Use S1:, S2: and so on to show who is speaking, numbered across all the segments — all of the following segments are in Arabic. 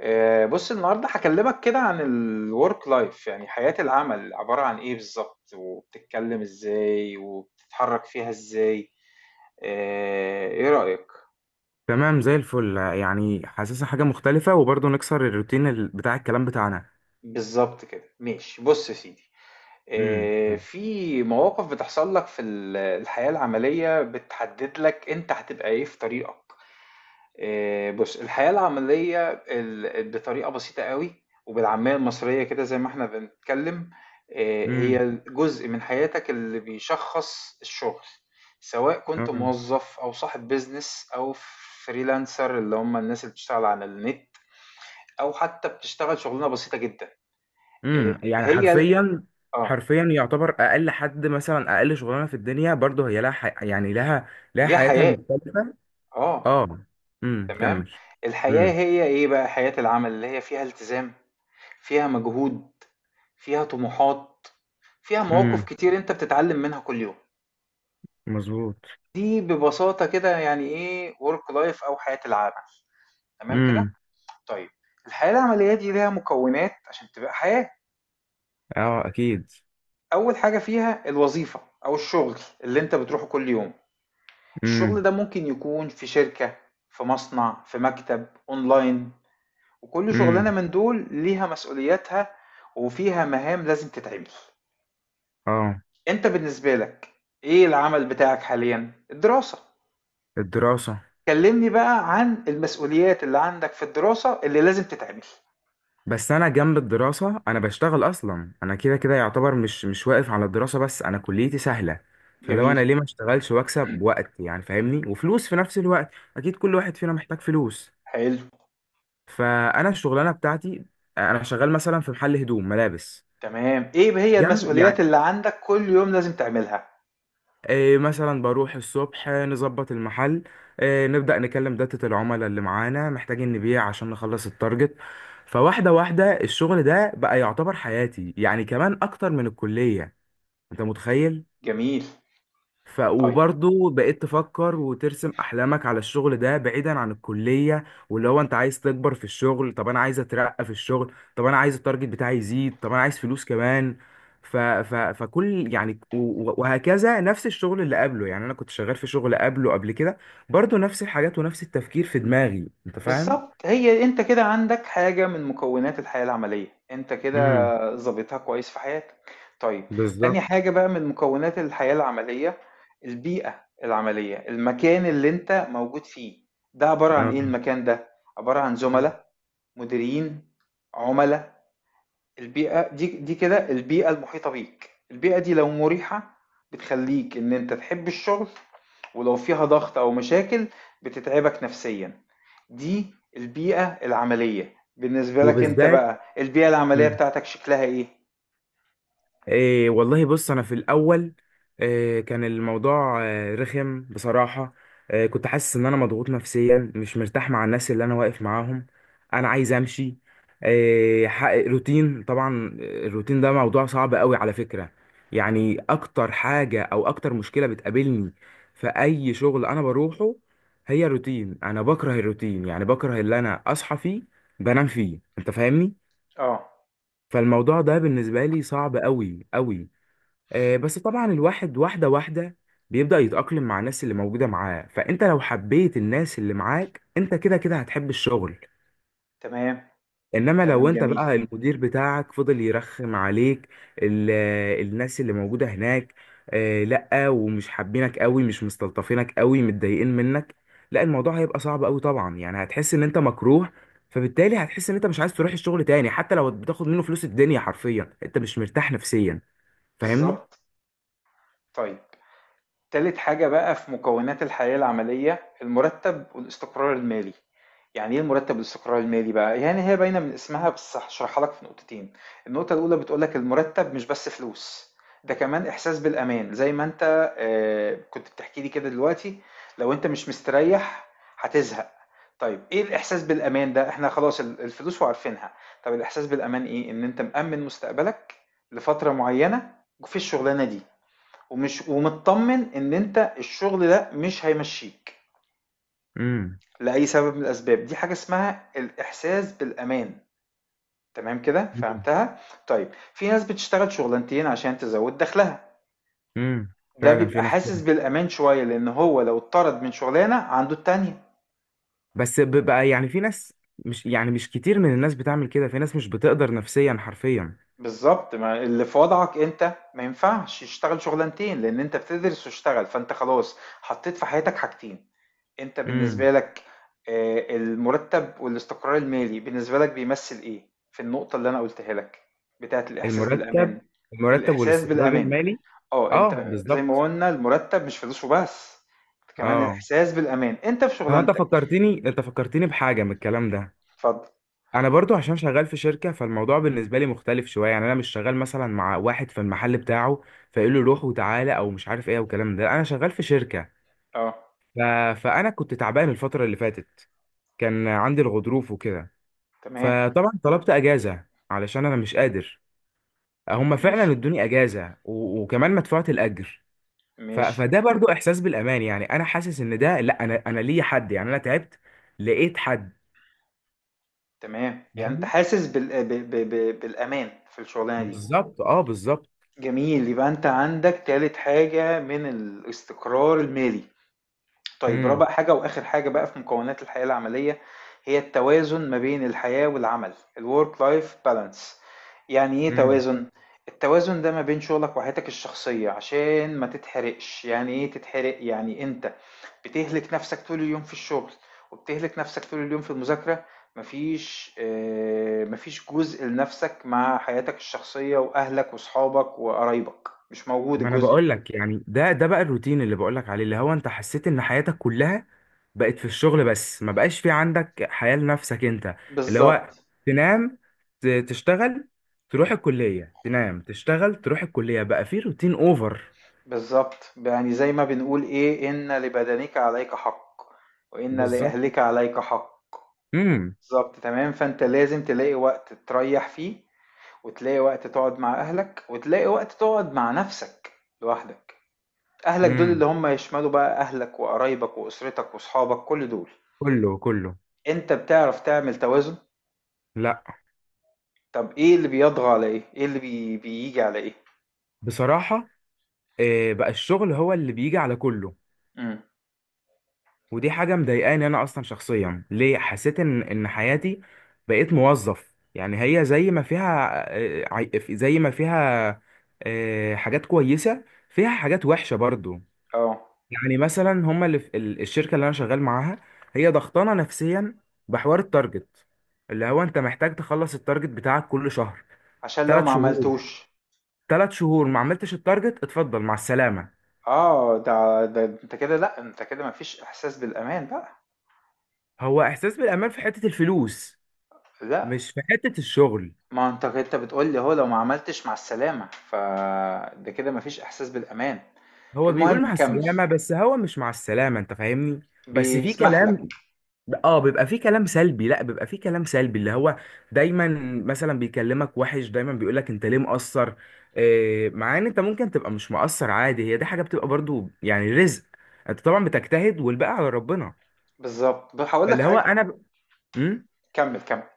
S1: بص النهارده هكلمك كده عن الورك لايف، يعني حياة العمل عبارة عن ايه بالظبط وبتتكلم ازاي وبتتحرك فيها ازاي؟ ايه رأيك؟
S2: تمام زي الفل يعني حاسسها حاجة مختلفة وبرضه نكسر الروتين بتاع الكلام بتاعنا.
S1: بالظبط كده، ماشي، بص يا سيدي.
S2: امم.
S1: في مواقف بتحصل لك في الحياة العملية بتحدد لك انت هتبقى ايه في طريقك. بُص، الحياة العملية بطريقة بسيطة أوي، وبالعامية المصرية كده زي ما إحنا بنتكلّم، هي
S2: امم.
S1: الجزء من حياتك اللي بيشخّص الشغل، سواء كنت موظّف أو صاحب business أو freelancer اللي هم الناس اللي بتشتغل على النت، أو حتّى بتشتغل شُغلانة بسيطة جدًا. آآ
S2: يعني
S1: هي ال
S2: حرفيا
S1: آه،
S2: حرفيا يعتبر أقل حد مثلا أقل شغلانة في الدنيا برضه هي لها يعني لها
S1: ليها
S2: حياتها
S1: حياة.
S2: المختلفة.
S1: آه،
S2: اه. كمل.
S1: تمام، الحياة
S2: امم.
S1: هي إيه بقى؟ حياة العمل اللي هي فيها التزام، فيها مجهود، فيها طموحات، فيها مواقف
S2: امم.
S1: كتير أنت بتتعلم منها كل يوم.
S2: مظبوط.
S1: دي ببساطة كده يعني إيه work life أو حياة العمل. تمام كده؟
S2: امم.
S1: طيب، الحياة العملية دي ليها مكونات عشان تبقى حياة.
S2: اه، اكيد.
S1: أول حاجة فيها الوظيفة أو الشغل اللي أنت بتروحه كل يوم. الشغل
S2: امم.
S1: ده ممكن يكون في شركة، في مصنع، في مكتب، أونلاين. وكل شغلانة
S2: امم.
S1: من دول ليها مسؤولياتها وفيها مهام لازم تتعمل.
S2: اه.
S1: انت بالنسبة لك ايه العمل بتاعك حاليا؟ الدراسة؟
S2: الدراسة.
S1: كلمني بقى عن المسؤوليات اللي عندك في الدراسة اللي لازم تتعمل.
S2: بس انا جنب الدراسه انا بشتغل اصلا، انا كده كده يعتبر مش واقف على الدراسه بس، انا كليتي سهله. فلو انا
S1: جميل.
S2: ليه ما اشتغلش واكسب وقت يعني فاهمني وفلوس في نفس الوقت. اكيد كل واحد فينا محتاج فلوس.
S1: حلو.
S2: فانا الشغلانه بتاعتي انا شغال مثلا في محل هدوم ملابس.
S1: تمام، ايه هي
S2: جنب
S1: المسؤوليات
S2: يعني.
S1: اللي عندك كل يوم لازم تعملها؟
S2: إيه مثلا بروح الصبح، نظبط المحل. إيه نبدا نكلم داتا العملاء اللي معانا محتاجين نبيع عشان نخلص التارجت. فواحده واحده الشغل ده بقى يعتبر حياتي يعني كمان اكتر من الكليه. انت متخيل؟
S1: جميل. طيب.
S2: وبرضه بقيت تفكر وترسم احلامك على الشغل ده بعيدا عن الكليه. واللي هو انت عايز تكبر في الشغل. طب انا عايز اترقى في الشغل. طب انا عايز التارجت بتاعي يزيد. طب انا عايز فلوس كمان. ف ف فكل يعني وهكذا نفس الشغل اللي قبله. يعني انا كنت شغال في شغل قبله قبل كده برضه نفس الحاجات ونفس التفكير في دماغي، انت فاهم؟
S1: بالضبط، هي أنت كده عندك حاجة من مكونات الحياة العملية، أنت
S2: امم.
S1: كده ضابطها كويس في حياتك. طيب، تاني
S2: بالظبط.
S1: حاجة بقى من مكونات الحياة العملية، البيئة العملية، المكان اللي أنت موجود فيه، ده عبارة عن
S2: آه.
S1: إيه المكان ده؟ عبارة عن
S2: مم.
S1: زملا، مديرين، عُملا، البيئة دي كده البيئة المحيطة بيك. البيئة دي لو مريحة بتخليك ان انت تحب الشغل، ولو فيها ضغط او مشاكل بتتعبك نفسيا. دي البيئة العملية. بالنسبة لك انت
S2: وبالذات.
S1: بقى، البيئة العملية
S2: مم.
S1: بتاعتك شكلها ايه؟
S2: إيه والله بص انا في الاول. إيه كان الموضوع إيه رخم بصراحه. إيه كنت حاسس ان انا مضغوط نفسيا مش مرتاح مع الناس اللي انا واقف معاهم. انا عايز امشي. إيه حقق روتين، طبعا الروتين ده موضوع صعب قوي على فكره. يعني اكتر حاجه او اكتر مشكله بتقابلني في اي شغل انا بروحه هي الروتين. انا بكره الروتين يعني بكره اللي انا اصحى فيه بنام فيه، انت فاهمني؟
S1: اه،
S2: فالموضوع ده بالنسبه لي صعب قوي قوي. آه، بس طبعا الواحد واحدة واحدة بيبدأ يتأقلم مع الناس اللي موجودة معاه. فأنت لو حبيت الناس اللي معاك أنت كده كده هتحب الشغل.
S1: تمام.
S2: إنما لو
S1: كلام
S2: أنت
S1: جميل.
S2: بقى المدير بتاعك فضل يرخم عليك، ال- الناس اللي موجودة هناك آه، لأ، ومش حابينك قوي مش مستلطفينك قوي متضايقين منك، لأ الموضوع هيبقى صعب قوي طبعا، يعني هتحس إن أنت مكروه. فبالتالي هتحس إن أنت مش عايز تروح الشغل تاني حتى لو بتاخد منه فلوس الدنيا، حرفيا أنت مش مرتاح نفسيا. فاهمني؟
S1: بالظبط. طيب، تالت حاجة بقى في مكونات الحياة العملية، المرتب والاستقرار المالي. يعني ايه المرتب والاستقرار المالي بقى؟ يعني هي باينة من اسمها، بس هشرحها لك في نقطتين. النقطة الأولى بتقولك المرتب مش بس فلوس، ده كمان إحساس بالأمان زي ما أنت كنت بتحكي لي كده دلوقتي. لو أنت مش مستريح هتزهق. طيب، ايه الإحساس بالأمان ده؟ احنا خلاص الفلوس وعارفينها. طب الإحساس بالأمان ايه؟ ان انت مأمن مستقبلك لفترة معينة في الشغلانة دي، ومش ومطمن ان انت الشغل ده مش هيمشيك
S2: امم.
S1: لاي سبب من الاسباب. دي حاجه اسمها الاحساس بالامان. تمام كده، فهمتها؟ طيب، في ناس بتشتغل شغلانتين عشان تزود دخلها،
S2: امم.
S1: ده
S2: فعلا في
S1: بيبقى
S2: ناس
S1: حاسس
S2: كده.
S1: بالامان شويه لان هو لو اتطرد من شغلانه عنده التانية.
S2: بس بيبقى يعني في ناس مش كتير من الناس بتعمل كده، في ناس مش بتقدر نفسيا حرفيا.
S1: بالظبط، ما اللي في وضعك انت ما ينفعش يشتغل شغلانتين لان انت بتدرس واشتغل، فانت خلاص حطيت في حياتك حاجتين. انت بالنسبة
S2: امم.
S1: لك المرتب والاستقرار المالي بالنسبة لك بيمثل ايه في النقطة اللي انا قلتها لك بتاعت الاحساس
S2: المرتب.
S1: بالامان؟
S2: المرتب
S1: الاحساس
S2: والاستقرار
S1: بالامان.
S2: المالي.
S1: اه،
S2: اه،
S1: انت زي ما
S2: بالظبط.
S1: قلنا المرتب مش فلوس وبس، كمان
S2: اه.
S1: الاحساس بالامان انت في
S2: طب انت
S1: شغلانتك.
S2: فكرتني، انت فكرتني بحاجه من الكلام ده.
S1: اتفضل.
S2: انا برضو عشان شغال في شركه فالموضوع بالنسبه لي مختلف شويه، يعني انا مش شغال مثلا مع واحد في المحل بتاعه فيقول له روح وتعالى او مش عارف ايه والكلام ده، انا شغال في شركه.
S1: اه،
S2: ف... فانا كنت تعبان الفتره اللي فاتت، كان عندي الغضروف وكده.
S1: تمام،
S2: فطبعا طلبت اجازه علشان انا مش قادر. هم فعلا
S1: ماشي
S2: ادوني اجازه وكمان مدفوعه الاجر.
S1: ماشي.
S2: فده برضو احساس بالامان، يعني انا حاسس ان ده لا، انا ليا حد، يعني انا تعبت لقيت حد.
S1: تمام، يعني أنت
S2: فاهمني؟
S1: حاسس بال ب ب ب بالأمان في الشغلانة دي.
S2: بالظبط، اه، بالظبط.
S1: جميل، يبقى أنت عندك تالت حاجة من الاستقرار المالي. طيب،
S2: امم.
S1: رابع حاجة وآخر حاجة بقى في مكونات الحياة العملية هي التوازن ما بين الحياة والعمل، الورك لايف بالانس. يعني ايه
S2: امم.
S1: توازن؟ التوازن ده ما بين شغلك وحياتك الشخصية، عشان ما تتحرقش. يعني ايه تتحرق؟ يعني انت بتهلك نفسك طول اليوم في الشغل، وبتهلك نفسك طول اليوم في المذاكرة، مفيش مفيش جزء لنفسك مع حياتك الشخصية وأهلك وصحابك وقرايبك، مش موجود
S2: ما انا
S1: الجزء.
S2: بقول لك يعني ده بقى الروتين اللي بقول لك عليه. اللي هو انت حسيت ان حياتك كلها بقت في الشغل بس، ما بقاش في عندك حياة لنفسك انت. اللي هو
S1: بالظبط.
S2: تنام تشتغل تروح الكلية، تنام تشتغل تروح الكلية، بقى في روتين اوفر.
S1: بالظبط، يعني زي ما بنقول ايه ان لبدنك عليك حق، وان
S2: بالظبط.
S1: لاهلك عليك حق.
S2: امم.
S1: بالظبط، تمام، فانت لازم تلاقي وقت تريح فيه، وتلاقي وقت تقعد مع اهلك، وتلاقي وقت تقعد مع نفسك لوحدك. اهلك دول اللي
S2: امم.
S1: هم يشملوا بقى اهلك وقرايبك واسرتك واصحابك، كل دول.
S2: كله كله.
S1: انت بتعرف تعمل توازن؟
S2: لا.
S1: طب ايه اللي بيطغى على ايه؟ ايه بيجي على ايه؟
S2: بصراحة، بقى الشغل هو اللي بيجي على كله.
S1: امم،
S2: ودي حاجة مضايقاني انا اصلا شخصيا، ليه حسيت ان حياتي بقيت موظف. يعني هي زي ما فيها زي ما فيها حاجات كويسة، فيها حاجات وحشة برضو.
S1: اه،
S2: يعني مثلا هما اللي في الشركه اللي انا شغال معاها هي ضغطانه نفسيا بحوار التارجت، اللي هو انت محتاج تخلص التارجت بتاعك كل شهر.
S1: عشان لو
S2: ثلاث
S1: ما
S2: شهور
S1: عملتوش.
S2: 3 شهور ما عملتش التارجت اتفضل مع السلامه.
S1: اه، ده انت كده، لا انت كده مفيش احساس بالامان بقى.
S2: هو احساس بالامان في حته الفلوس
S1: لا،
S2: مش في حته الشغل.
S1: ما انت بتقول لي هو لو ما عملتش مع السلامة فده كده مفيش احساس بالامان.
S2: هو بيقول
S1: المهم
S2: مع
S1: كمل.
S2: السلامه، بس هو مش مع السلامه، انت فاهمني، بس في
S1: بيسمح لك.
S2: كلام. اه، بيبقى فيه كلام سلبي، لا بيبقى فيه كلام سلبي، اللي هو دايما مثلا بيكلمك وحش، دايما بيقولك انت ليه مقصر. إيه مع ان انت ممكن تبقى مش مقصر عادي، هي دي حاجة بتبقى برضو يعني رزق، انت طبعا بتجتهد والباقي على ربنا.
S1: بالظبط. هقول لك
S2: فاللي هو
S1: حاجة.
S2: انا امم
S1: كمل كمل.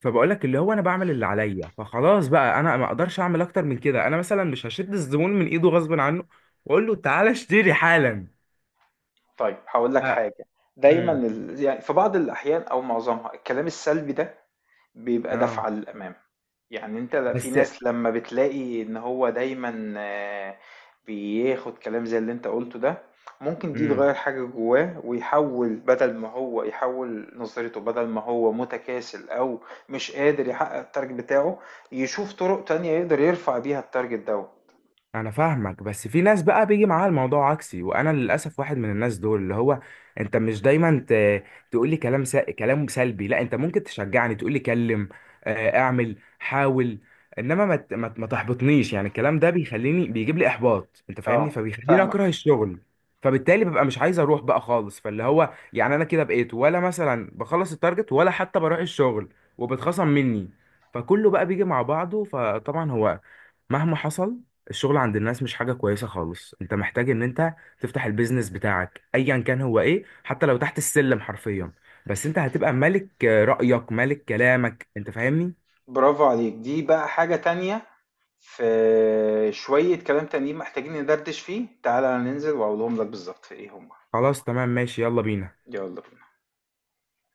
S2: فبقولك اللي هو انا بعمل اللي عليا فخلاص بقى، انا ما اقدرش اعمل اكتر من كده، انا مثلا مش هشد الزبون من ايده غصب عنه واقول له تعالى اشتري حالا.
S1: طيب، هقول
S2: ف...
S1: لك حاجة. دايما
S2: امم
S1: يعني في بعض الاحيان او معظمها الكلام السلبي ده بيبقى
S2: اه،
S1: دفعة للأمام. يعني أنت ل في
S2: بس
S1: ناس لمّا بتلاقي إن هو دايمًا بياخد كلام زي اللي أنت قُلته ده، ممكن دي
S2: امم
S1: تغيّر حاجة جواه ويحوّل، بدل ما هو يحوّل نظرته، بدل ما هو متكاسل أو مش قادر يحقق الtarget بتاعه، يشوف طرق تانية يقدر يرفع بيها الtarget دوّة.
S2: انا فاهمك، بس في ناس بقى بيجي معاها الموضوع عكسي، وانا للاسف واحد من الناس دول، اللي هو انت مش دايما تقول لي كلام سلبي. لا، انت ممكن تشجعني تقول لي كلم، اعمل حاول. انما ما تحبطنيش، يعني الكلام ده بيخليني بيجيب لي احباط انت فاهمني،
S1: آه،
S2: فبيخليني اكره
S1: فاهمك.
S2: الشغل. فبالتالي ببقى مش عايز اروح بقى خالص، فاللي هو يعني انا كده بقيت ولا مثلا بخلص التارجت ولا حتى بروح الشغل وبتخصم مني، فكله بقى بيجي مع بعضه، فطبعا هو مهما حصل الشغل عند الناس مش حاجة كويسة خالص. انت محتاج ان انت تفتح البيزنس بتاعك ايا كان هو ايه، حتى لو تحت السلم حرفيا، بس انت هتبقى ملك، رأيك ملك كلامك، انت فاهمني.
S1: برافو عليك، دي بقى حاجة تانية. في شوية كلام تانيين محتاجين ندردش فيه، تعالَ ننزل وأقولهم لك بالضبط إيه هُم.
S2: خلاص تمام ماشي، يلا بينا.
S1: يالّا بينا.